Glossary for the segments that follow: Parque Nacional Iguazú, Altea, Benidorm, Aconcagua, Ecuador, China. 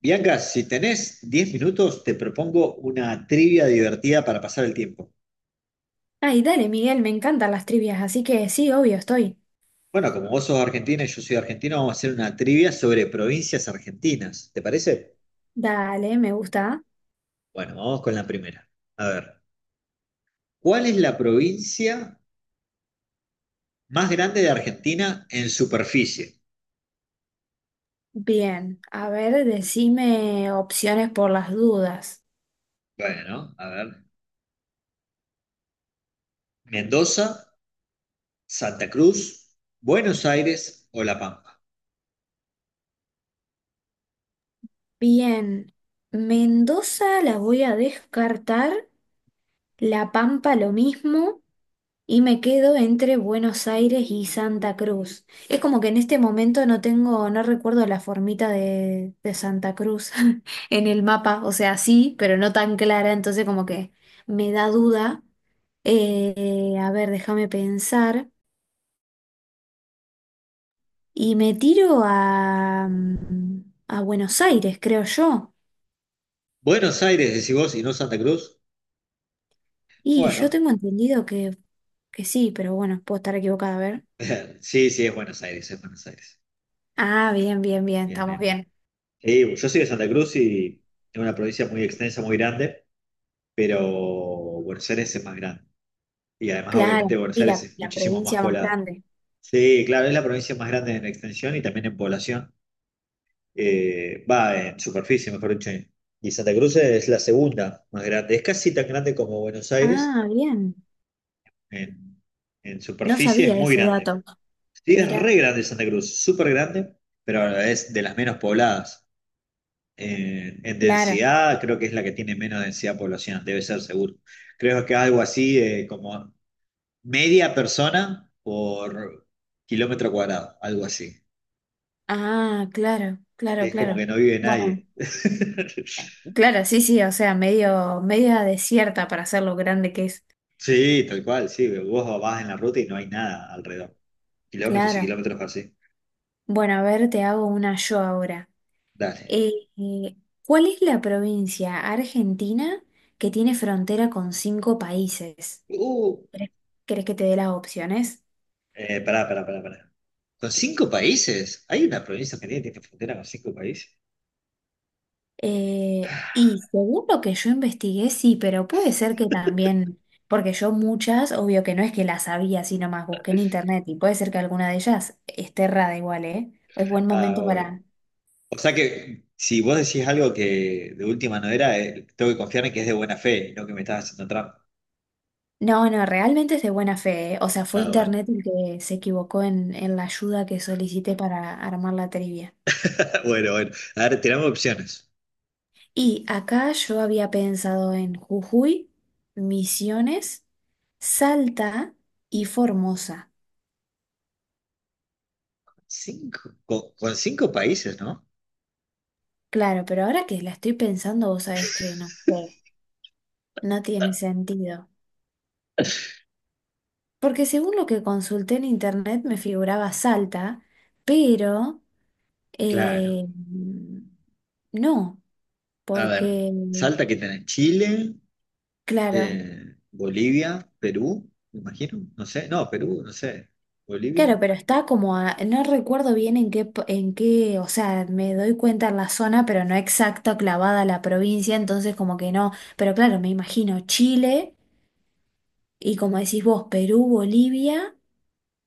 Bianca, si tenés 10 minutos, te propongo una trivia divertida para pasar el tiempo. Ay, dale, Miguel, me encantan las trivias, así que sí, obvio, estoy. Bueno, como vos sos argentina y yo soy argentino, vamos a hacer una trivia sobre provincias argentinas. ¿Te parece? Dale, me gusta. Bueno, vamos con la primera. A ver, ¿cuál es la provincia más grande de Argentina en superficie? Bien, a ver, decime opciones por las dudas. Bueno, a ver, Mendoza, Santa Cruz, Buenos Aires o La Pampa. Bien, Mendoza la voy a descartar, La Pampa lo mismo, y me quedo entre Buenos Aires y Santa Cruz. Es como que en este momento no tengo, no recuerdo la formita de Santa Cruz en el mapa. O sea, sí, pero no tan clara. Entonces como que me da duda. A ver, déjame pensar. Y me tiro a Buenos Aires, creo yo. Buenos Aires, decís vos, y no Santa Cruz. Y yo Bueno, tengo entendido que sí, pero bueno, puedo estar equivocada, a ver. sí, sí, es Buenos Aires, es Buenos Aires. Ah, bien, bien, bien, Bien, estamos bien. bien. Sí, yo soy de Santa Cruz y es una provincia muy extensa, muy grande, pero Buenos Aires es más grande. Y además, Claro, obviamente, Buenos y Aires la, es la muchísimo más provincia más poblada. grande. Sí, claro, es la provincia más grande en extensión y también en población. Va, en superficie, mejor dicho. Y Santa Cruz es la segunda más grande. Es casi tan grande como Buenos Aires. Ah, bien. En, en No superficie es sabía muy ese dato. grande. Sí, es re Mirá, grande Santa Cruz, súper grande, pero es de las menos pobladas. En claro. densidad, creo que es la que tiene menos densidad poblacional, debe ser seguro. Creo que algo así como media persona por kilómetro cuadrado, algo así. Ah, claro, claro, Es como claro. que no vive Bueno, nadie. Claro, sí, sí, o sea, media desierta para ser lo grande que es. Sí, tal cual, sí. Vos vas en la ruta y no hay nada alrededor. Kilómetros y Claro. kilómetros así. Bueno, a ver, te hago una yo ahora. Dale. Eh, eh, ¿Cuál es la provincia argentina que tiene frontera con cinco países? Uh, ¿Querés, querés que te dé las opciones? pará, pará, pará, pará. ¿Con cinco países? ¿Hay una provincia argentina que tiene frontera con cinco países? Y según lo que yo investigué, sí, pero puede ser que también, porque yo muchas, obvio que no es que las sabía, sino más busqué en internet y puede ser que alguna de ellas esté errada igual, ¿eh? Es buen Ah, momento bueno. para... O sea que si vos decís algo que de última no era, tengo que confiar en que es de buena fe y no que me estás haciendo trampa. No, no, realmente es de buena fe, ¿eh? O sea, fue Ah, bueno. internet el que se equivocó en la ayuda que solicité para armar la trivia. Bueno, bueno. A ver, tiramos opciones. Y acá yo había pensado en Jujuy, Misiones, Salta y Formosa. Cinco. Con cinco países, ¿no? Claro, pero ahora que la estoy pensando, vos sabés que no sé, no tiene sentido. Porque según lo que consulté en internet me figuraba Salta, pero Claro. eh, no, A porque, ver, Salta que tenés Chile, claro, Bolivia, Perú, me imagino. No sé. No, Perú, no sé. Bolivia, claro, pero está como a- no recuerdo bien en qué, po- en qué, o sea, me doy cuenta en la zona, pero no exacta, clavada a la provincia, entonces como que no, pero claro, me imagino Chile y como decís vos, Perú, Bolivia.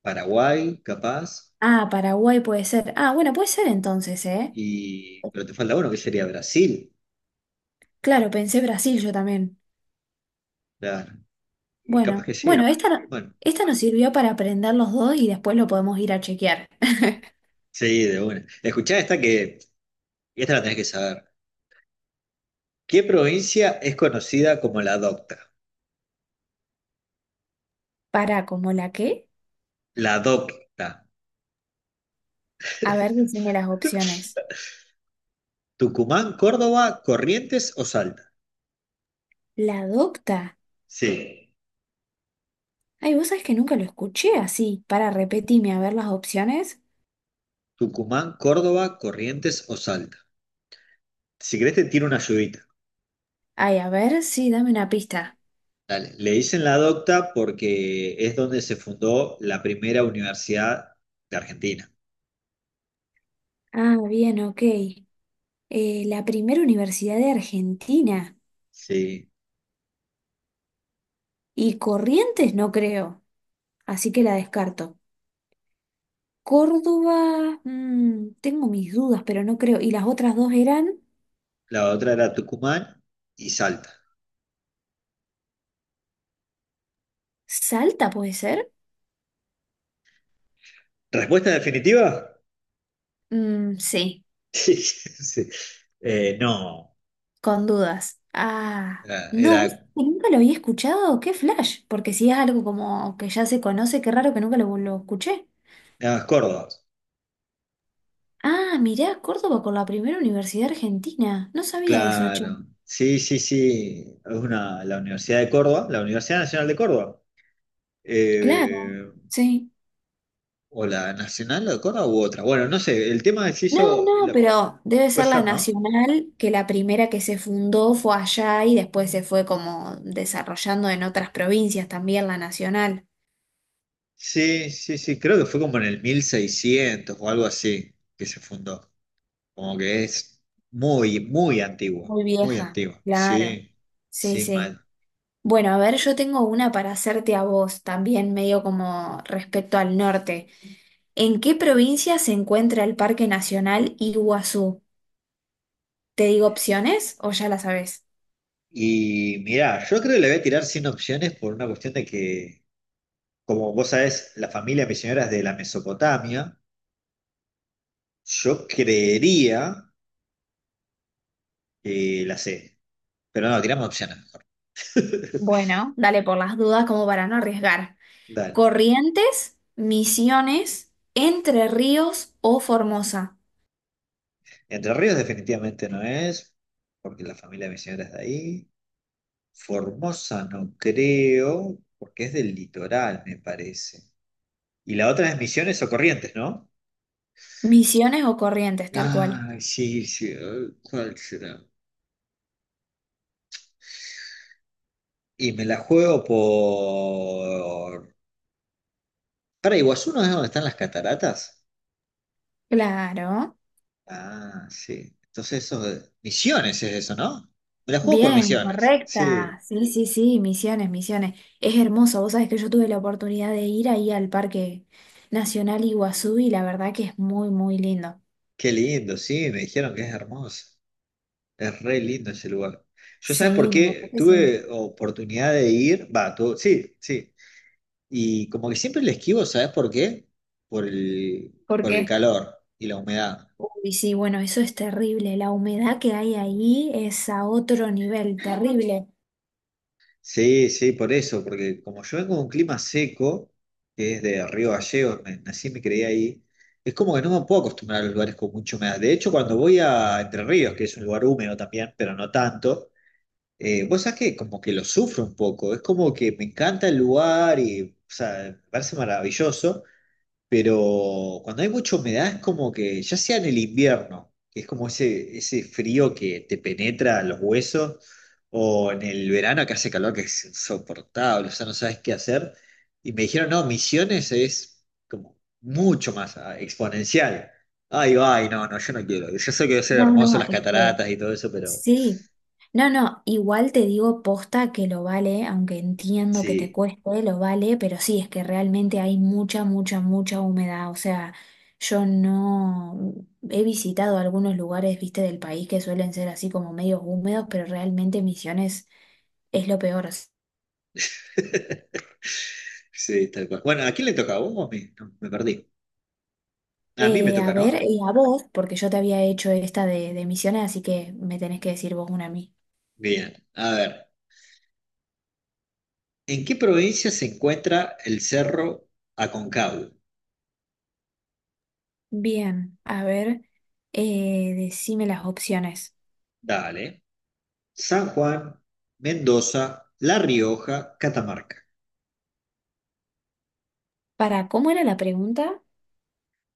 Paraguay, capaz. Ah, Paraguay puede ser. Ah, bueno, puede ser entonces, ¿eh? Y. Pero te falta uno, que sería Brasil. Claro, pensé Brasil yo también. Claro. Y capaz Bueno, que sí. bueno, esta, no- Bueno. esta nos sirvió para aprender los dos y después lo podemos ir a chequear. Sí, de una. Escuchá esta que. Y esta la tenés que saber. ¿Qué provincia es conocida como la Docta? Para, ¿como la qué? La Docta. A ver, decime las opciones. ¿Tucumán, Córdoba, Corrientes o Salta? La docta. Sí. Ay, vos sabés que nunca lo escuché así. Para, repetime, a ver las opciones. Tucumán, Córdoba, Corrientes o Salta. Si querés te tiro una ayudita. Ay, a ver, sí, dame una pista. Dale. Le dicen la Docta porque es donde se fundó la primera universidad de Argentina. Ah, bien, ok. La primera universidad de Argentina. Sí. Y Corrientes no creo. Así que la descarto. Córdoba, mm, tengo mis dudas, pero no creo. ¿Y las otras dos eran? La otra era Tucumán y Salta. ¿Salta puede ser? ¿Respuesta definitiva? Mm, sí, Sí. No. con dudas. Ah, Era, era no, nunca lo había escuchado. ¡Qué flash! Porque si es algo como que ya se conoce, qué raro que nunca lo escuché. era Córdoba. Ah, mirá, Córdoba con la primera universidad argentina. No sabía eso, che. Claro, sí, sí, sí, es una, la Universidad de Córdoba, la Universidad Nacional de Córdoba, Claro, eh, sí. o la Nacional de Córdoba u otra. Bueno, no sé, el tema se No, hizo, no, pero debe puede ser la ser, ¿no? nacional, que la primera que se fundó fue allá y después se fue como desarrollando en otras provincias también la nacional. Sí, sí, sí, creo que fue como en el 1600 o algo así que se fundó, como que es muy, Muy muy vieja, antigua, claro. sí, Sí, sí, sí. mal. Bueno, a ver, yo tengo una para hacerte a vos también, medio como respecto al norte. ¿En qué provincia se encuentra el Parque Nacional Iguazú? ¿Te digo opciones o ya la sabes? Y mirá, yo creo que le voy a tirar sin opciones por una cuestión de que... Como vos sabés, la familia misionera es de la Mesopotamia. Yo creería que la C, pero no, tiramos opciones mejor. Bueno, dale por las dudas como para no arriesgar. Dale. Corrientes, Misiones, Entre Ríos o Formosa. Entre Ríos definitivamente no es, porque la familia de mi señora es de ahí. Formosa no creo, porque es del litoral, me parece. Y la otra es Misiones o Corrientes, ¿no? Misiones o Corrientes, tal cual. Ah, sí, sí, ay, ¿cuál será? Y me la juego por... Para Iguazú no es donde están las cataratas. Claro. Ah, sí. Entonces eso de Misiones es eso, ¿no? Me la juego por Bien, Misiones. Sí, correcta. Sí, sí, sí, Misiones, Misiones. Es hermoso. Vos sabés que yo tuve la oportunidad de ir ahí al Parque Nacional Iguazú y la verdad que es muy, muy lindo. qué lindo, sí, me dijeron que es hermoso. Es re lindo ese lugar. Yo sabes por Sí, la verdad qué que sí. tuve oportunidad de ir, va, sí, sí. Y como que siempre le esquivo, ¿sabes por qué? Por el, ¿Por por el qué? calor y la humedad. Uy, sí, bueno, eso es terrible. La humedad que hay ahí es a otro nivel, terrible. Sí, sí, por eso, porque como yo vengo de un clima seco, que es de Río Gallegos, nací y me crié ahí, es como que no me puedo acostumbrar a los lugares con mucha humedad. De hecho, cuando voy a Entre Ríos, que es un lugar húmedo también, pero no tanto, vos sabés que como que lo sufro un poco, es como que me encanta el lugar y, o sea, me parece maravilloso, pero cuando hay mucha humedad es como que, ya sea en el invierno, que es como ese frío que te penetra a los huesos, o en el verano que hace calor que es insoportable, o sea, no sabes qué hacer. Y me dijeron, no, Misiones es como mucho más exponencial. Ay, ay, no, no, yo no quiero. Yo sé que debe ser No, no, hermoso las es que cataratas y todo eso, pero sí, no, no, igual te digo posta que lo vale, aunque entiendo que te sí. cueste, lo vale, pero sí, es que realmente hay mucha, mucha, mucha humedad, o sea, yo no he visitado algunos lugares, viste, del país que suelen ser así como medios húmedos, pero realmente Misiones es lo peor. Sí, tal cual. Bueno, ¿a quién le toca? ¿A vos o a mí? No, me perdí. A mí me A toca, ¿no? ver, y a vos, porque yo te había hecho esta de Misiones, así que me tenés que decir vos una a mí. Bien, a ver. ¿En qué provincia se encuentra el Cerro Aconcagua? Bien, a ver, decime las opciones. Dale. San Juan, Mendoza, La Rioja, Catamarca. Para, ¿cómo era la pregunta?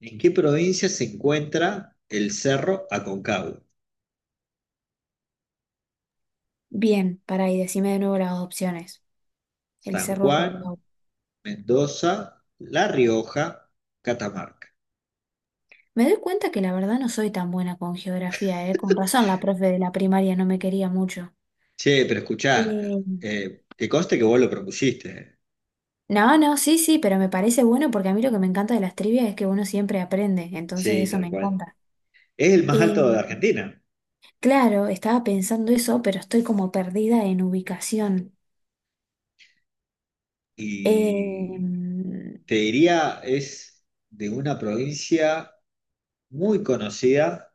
¿En qué provincia se encuentra el Cerro Aconcagua? Bien, para, y decime de nuevo las opciones. El San cerro Juan, Aconcagua. Mendoza, La Rioja, Catamarca. Me doy cuenta que la verdad no soy tan buena con geografía, ¿eh? Con razón, la profe de la primaria no me quería mucho. Che, pero escuchá, Eh, que conste que vos lo propusiste. No, no, sí, sí, pero me parece bueno porque a mí lo que me encanta de las trivias es que uno siempre aprende, entonces Sí, eso tal me cual. encanta. Es el más Eh, alto de Argentina claro, estaba pensando eso, pero estoy como perdida en ubicación. Eh, y mm, te diría es de una provincia muy conocida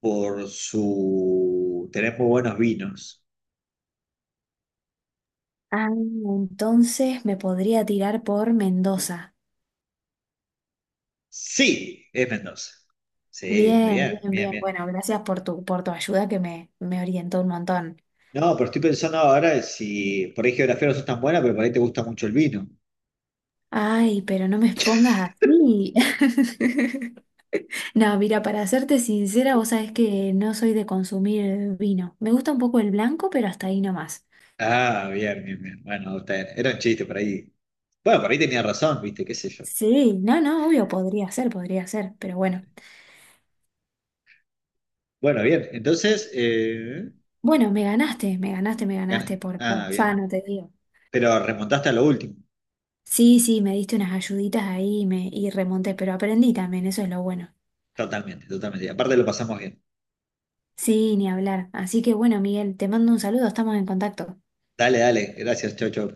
por su tener muy buenos vinos. ah, entonces me podría tirar por Mendoza. Sí, es Mendoza. Sí, muy Bien, bien, bien, bien, bien. bien. Bueno, gracias por tu ayuda que me orientó un montón. No, pero estoy pensando ahora si por ahí geografía no sos tan buena, pero por ahí te gusta mucho el vino. Ay, pero no me expongas así. No, mira, para serte sincera, vos sabés que no soy de consumir vino. Me gusta un poco el blanco, pero hasta ahí nomás. Ah, bien, bien, bien. Bueno, está bien. Era un chiste por ahí. Bueno, por ahí tenía razón, viste, qué sé yo. Sí, no, no, obvio, podría ser, pero bueno. Bueno, bien, entonces, Bueno, me ganaste, me ganaste, me ganaste gané. Por Ah, bien. afano, te digo. Pero remontaste a lo último. Sí, sí, me diste unas ayuditas ahí y remonté, pero aprendí también, eso es lo bueno. Totalmente, totalmente. Y aparte lo pasamos bien. Sí, ni hablar. Así que bueno, Miguel, te mando un saludo, estamos en contacto. Dale, dale. Gracias, chau, chau.